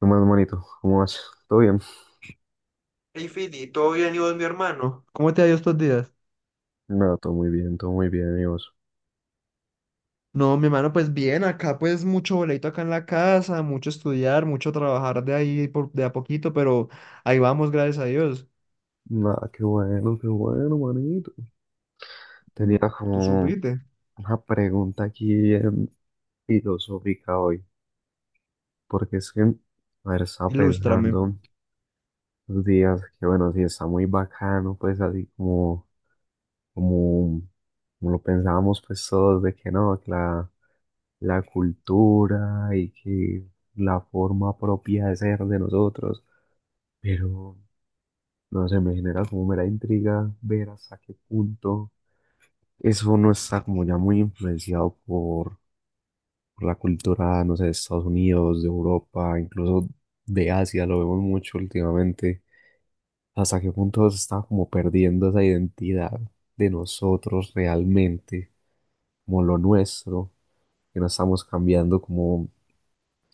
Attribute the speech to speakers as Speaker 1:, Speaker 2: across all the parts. Speaker 1: ¿Qué más, manito? ¿Cómo vas? ¿Todo bien?
Speaker 2: Hey, Fili, ¿todo bien y vos, mi hermano? ¿Cómo te ha ido estos días?
Speaker 1: Nada, todo muy bien, amigos.
Speaker 2: No, mi hermano, pues bien, acá pues mucho boleto acá en la casa, mucho estudiar, mucho trabajar de ahí por, de a poquito, pero ahí vamos, gracias a Dios.
Speaker 1: Nada, qué bueno, manito. Tenía
Speaker 2: Mm, tú
Speaker 1: como
Speaker 2: supiste,
Speaker 1: una pregunta aquí bien filosófica hoy, porque es que, a ver, estaba
Speaker 2: ilústrame.
Speaker 1: pensando los días que, bueno, sí está muy bacano, pues así como, como lo pensábamos, pues todos, de que no, que la cultura y que la forma propia de ser de nosotros. Pero no sé, me genera como mera intriga ver hasta qué punto eso no está como ya muy influenciado por la cultura, no sé, de Estados Unidos, de Europa, incluso de Asia, lo vemos mucho últimamente. Hasta qué punto se está como perdiendo esa identidad de nosotros realmente, como lo nuestro, que no estamos cambiando como,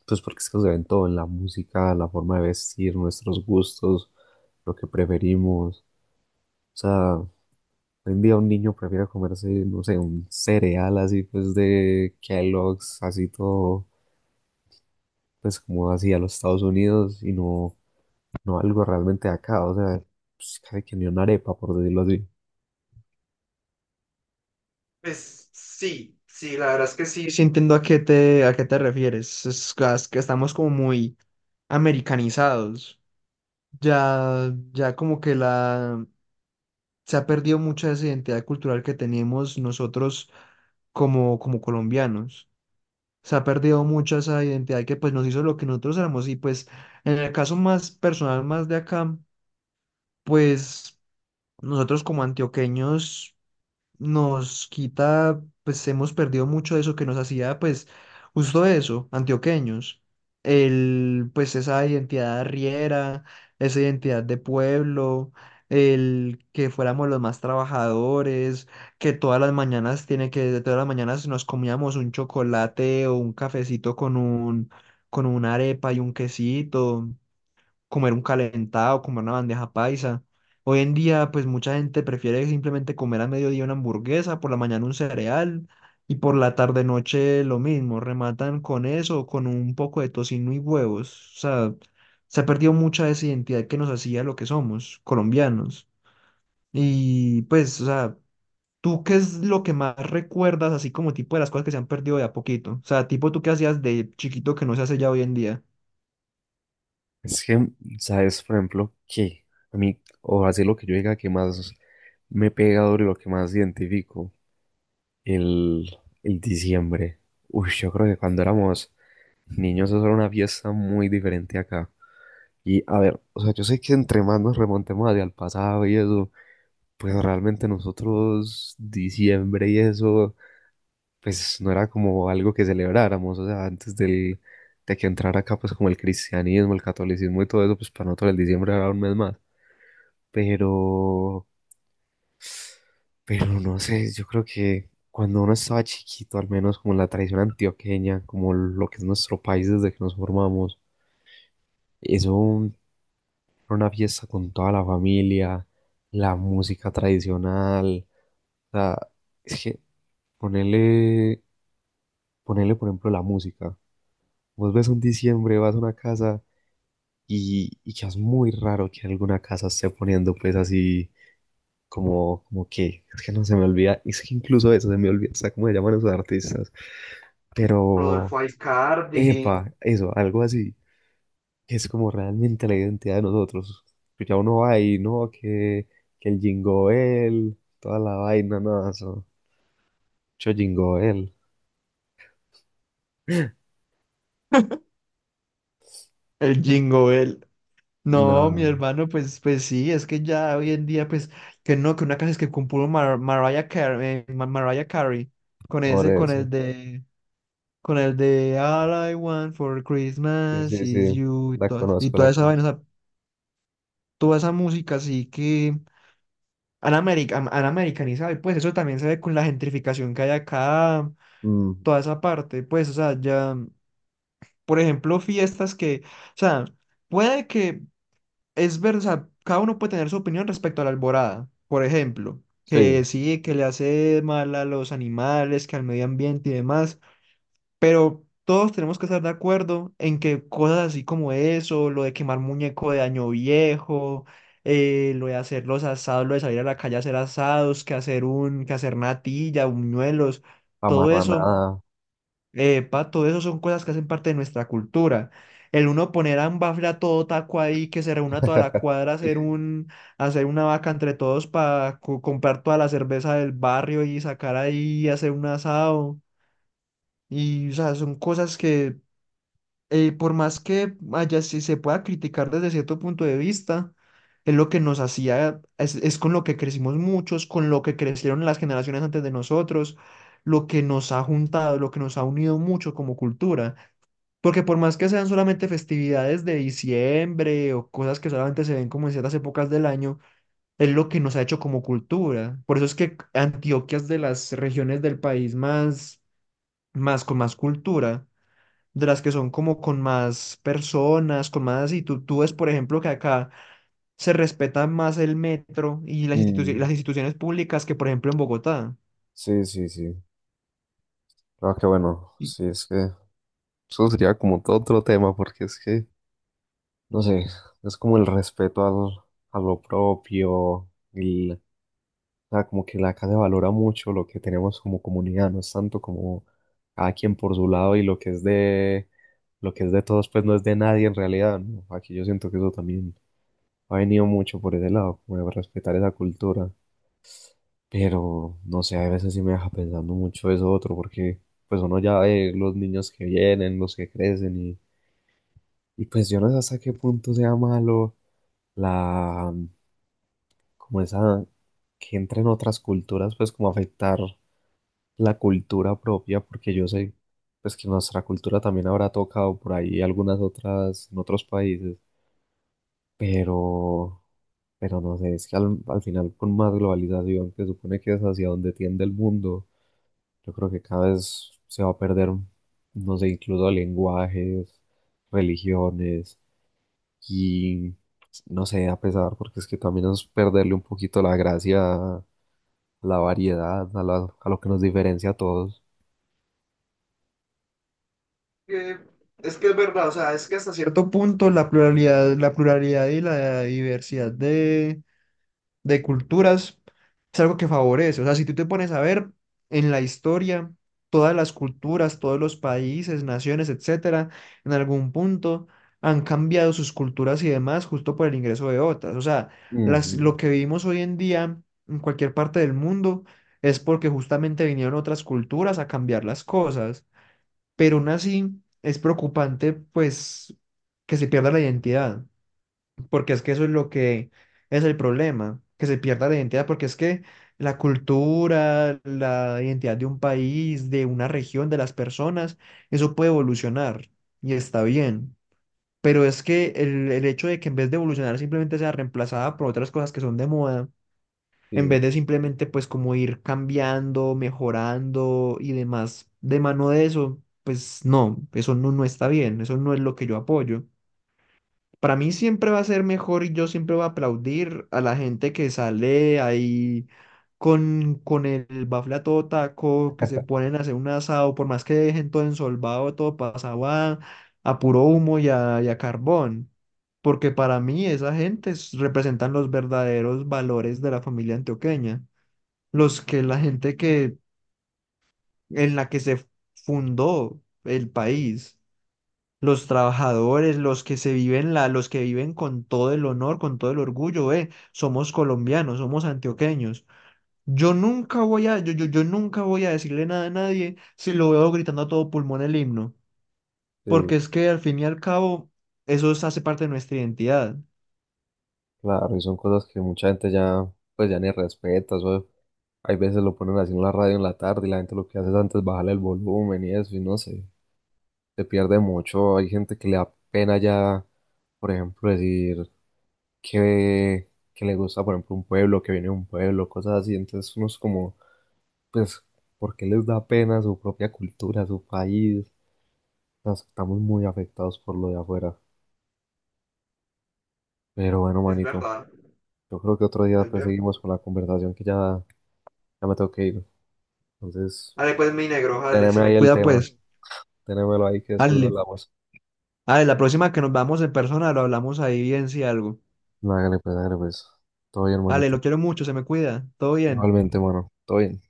Speaker 1: pues porque es que se ve todo, en la música, la forma de vestir, nuestros gustos, lo que preferimos. O sea, hoy en día un niño prefiere comerse, no sé, un cereal así pues de Kellogg's, así todo, pues como así a los Estados Unidos y no, no algo realmente de acá, o sea, pues casi que ni una arepa, por decirlo así.
Speaker 2: Pues sí, sí, la verdad es que sí, sí. Sí, entiendo a qué te refieres, es que estamos como muy americanizados, ya, ya como que la, se ha perdido mucha de esa identidad cultural que teníamos nosotros como, como colombianos. Se ha perdido mucha esa identidad que pues nos hizo lo que nosotros éramos y pues en el caso más personal, más de acá, pues nosotros como antioqueños nos quita, pues hemos perdido mucho de eso que nos hacía, pues, justo eso, antioqueños. El, pues esa identidad riera esa identidad de pueblo, el que fuéramos los más trabajadores, que todas las mañanas tiene que, todas las mañanas nos comíamos un chocolate o un cafecito con un, con una arepa y un quesito, comer un calentado, comer una bandeja paisa. Hoy en día, pues mucha gente prefiere simplemente comer a mediodía una hamburguesa, por la mañana un cereal y por la tarde noche lo mismo. Rematan con eso, con un poco de tocino y huevos. O sea, se ha perdido mucha de esa identidad que nos hacía lo que somos, colombianos. Y pues, o sea, ¿tú qué es lo que más recuerdas, así como tipo de las cosas que se han perdido de a poquito? O sea, tipo tú qué hacías de chiquito que no se hace ya hoy en día.
Speaker 1: Es que, ¿sabes? Por ejemplo, que a mí, o así lo que yo diga que más me pega duro y lo que más identifico, el, el diciembre. Uy, yo creo que cuando éramos niños eso era una fiesta muy diferente acá. Y a ver, o sea, yo sé que entre más nos remontemos hacia el pasado y eso, pues realmente nosotros, diciembre y eso, pues no era como algo que celebráramos, o sea, antes de que entrara acá, pues como el cristianismo, el catolicismo y todo eso, pues para nosotros el diciembre era un mes más. Pero, pero no sé, yo creo que cuando uno estaba chiquito, al menos como la tradición antioqueña, como lo que es nuestro país desde que nos formamos, eso era una fiesta con toda la familia, la música tradicional. O sea, es que ponerle, ponerle, por ejemplo, la música. Vos ves un diciembre, vas a una casa y ya es muy raro que alguna casa esté poniendo pues así como, que, es que no se me olvida, es que incluso eso se me olvida, o sea, cómo se llaman esos artistas. Pero,
Speaker 2: Rodolfo Aizcardi,
Speaker 1: epa, eso, algo así, es como realmente la identidad de nosotros. Que ya uno va ahí, ¿no? Que el Jingoel, toda la vaina, nada, eso. Yo Jingoel,
Speaker 2: el Jingo Bell. No, mi
Speaker 1: nada,
Speaker 2: hermano, pues, pues sí, es que ya hoy en día, pues, que no, que una canción es que compuso Mariah Carey, Mariah Carey, con
Speaker 1: por
Speaker 2: ese,
Speaker 1: eso.
Speaker 2: con el de All I Want for
Speaker 1: Sí,
Speaker 2: Christmas
Speaker 1: sí, sí,
Speaker 2: is You,
Speaker 1: la
Speaker 2: y
Speaker 1: conozco, la
Speaker 2: toda esa vaina,
Speaker 1: conozco.
Speaker 2: o sea, toda esa música, así que han, han americanizado, y pues eso también se ve con la gentrificación que hay acá,
Speaker 1: Mm,
Speaker 2: toda esa parte, pues, o sea, ya, por ejemplo, fiestas que, o sea, puede que. Es ver, o sea, cada uno puede tener su opinión respecto a la alborada. Por ejemplo, que
Speaker 1: sí,
Speaker 2: sí, que le hace mal a los animales, que al medio ambiente y demás, pero todos tenemos que estar de acuerdo en que cosas así como eso, lo de quemar muñeco de año viejo, lo de hacer los asados, lo de salir a la calle a hacer asados, que hacer un, que hacer natilla, buñuelos, todo eso,
Speaker 1: amarranada.
Speaker 2: pato, eso son cosas que hacen parte de nuestra cultura. El uno poner a un bafle a todo taco ahí, que se reúna toda la cuadra a hacer un, a hacer una vaca entre todos para comprar toda la cerveza del barrio y sacar ahí, y hacer un asado. Y, o sea, son cosas que, por más que haya, si se pueda criticar desde cierto punto de vista, es lo que nos hacía, es con lo que crecimos muchos, con lo que crecieron las generaciones antes de nosotros, lo que nos ha juntado, lo que nos ha unido mucho como cultura. Porque por más que sean solamente festividades de diciembre o cosas que solamente se ven como en ciertas épocas del año, es lo que nos ha hecho como cultura. Por eso es que Antioquia es de las regiones del país más, más con más cultura, de las que son como con más personas, con más... Y tú ves, por ejemplo, que acá se respeta más el metro y las
Speaker 1: Mm,
Speaker 2: las instituciones públicas que, por ejemplo, en Bogotá.
Speaker 1: sí, sí, sí. Claro que bueno, sí, es que eso sería como todo otro tema, porque es que, no sé, es como el respeto a lo propio, o sea, como que la casa valora mucho lo que tenemos como comunidad, no es tanto como cada quien por su lado y lo que es de todos, pues no es de nadie en realidad, ¿no? Aquí yo siento que eso también ha venido mucho por ese lado, como de respetar esa cultura. Pero no sé, a veces sí me deja pensando mucho eso otro, porque pues uno ya ve los niños que vienen, los que crecen, y pues yo no sé hasta qué punto sea malo la, como esa, que entre en otras culturas, pues como afectar la cultura propia, porque yo sé pues que nuestra cultura también habrá tocado por ahí algunas otras en otros países, pero pero no sé, es que al final con más globalización, que supone que es hacia donde tiende el mundo, yo creo que cada vez se va a perder, no sé, incluso lenguajes, religiones y no sé, a pesar, porque es que también es perderle un poquito la gracia a la variedad, a lo que nos diferencia a todos.
Speaker 2: Que, es que es verdad, o sea, es que hasta cierto punto la pluralidad y la diversidad de culturas es algo que favorece. O sea, si tú te pones a ver en la historia, todas las culturas, todos los países, naciones, etcétera, en algún punto han cambiado sus culturas y demás justo por el ingreso de otras. O sea, las,
Speaker 1: Ujú,
Speaker 2: lo que vivimos hoy en día en cualquier parte del mundo es porque justamente vinieron otras culturas a cambiar las cosas, pero aún así es preocupante, pues, que se pierda la identidad, porque es que eso es lo que es el problema, que se pierda la identidad, porque es que la cultura, la identidad de un país, de una región, de las personas, eso puede evolucionar y está bien. Pero es que el hecho de que en vez de evolucionar simplemente sea reemplazada por otras cosas que son de moda, en
Speaker 1: sí.
Speaker 2: vez de simplemente pues como ir cambiando, mejorando y demás de mano de eso, pues no, eso no, no está bien, eso no es lo que yo apoyo. Para mí siempre va a ser mejor y yo siempre voy a aplaudir a la gente que sale ahí con el bafle a todo taco, que se ponen a hacer un asado, por más que dejen todo ensolvado, todo pasado a puro humo y a carbón. Porque para mí esa gente es, representan los verdaderos valores de la familia antioqueña, los que la gente que en la que se fundó el país, los trabajadores, los que se viven la, los que viven con todo el honor, con todo el orgullo, somos colombianos, somos antioqueños. Yo nunca voy a, yo nunca voy a decirle nada a nadie si lo veo gritando a todo pulmón el himno,
Speaker 1: Sí,
Speaker 2: porque es que al fin y al cabo eso es, hace parte de nuestra identidad.
Speaker 1: claro, y son cosas que mucha gente ya, pues ya ni respeta, eso, hay veces lo ponen así en la radio en la tarde y la gente lo que hace es antes bajarle el volumen y eso, y no sé, se pierde mucho, hay gente que le da pena ya, por ejemplo, decir que le gusta, por ejemplo, un pueblo, que viene de un pueblo, cosas así, entonces uno es como, pues, ¿por qué les da pena su propia cultura, su país? Nos estamos muy afectados por lo de afuera, pero bueno,
Speaker 2: Es
Speaker 1: manito,
Speaker 2: verdad,
Speaker 1: yo creo que otro día
Speaker 2: es
Speaker 1: pues
Speaker 2: verdad.
Speaker 1: seguimos con la conversación que ya. Me tengo que ir. Entonces,
Speaker 2: Dale, pues, mi negro, dale,
Speaker 1: teneme
Speaker 2: se
Speaker 1: ahí
Speaker 2: me
Speaker 1: el
Speaker 2: cuida
Speaker 1: tema, pues.
Speaker 2: pues,
Speaker 1: Tenémelo ahí que después lo,
Speaker 2: dale.
Speaker 1: listo, hablamos.
Speaker 2: Ale, la próxima que nos vamos en persona lo hablamos ahí bien si algo.
Speaker 1: Hágale pues, hágale pues. Todo bien,
Speaker 2: Ale,
Speaker 1: hermanito.
Speaker 2: lo quiero mucho, se me cuida. Todo bien.
Speaker 1: Igualmente, mano. Todo bien.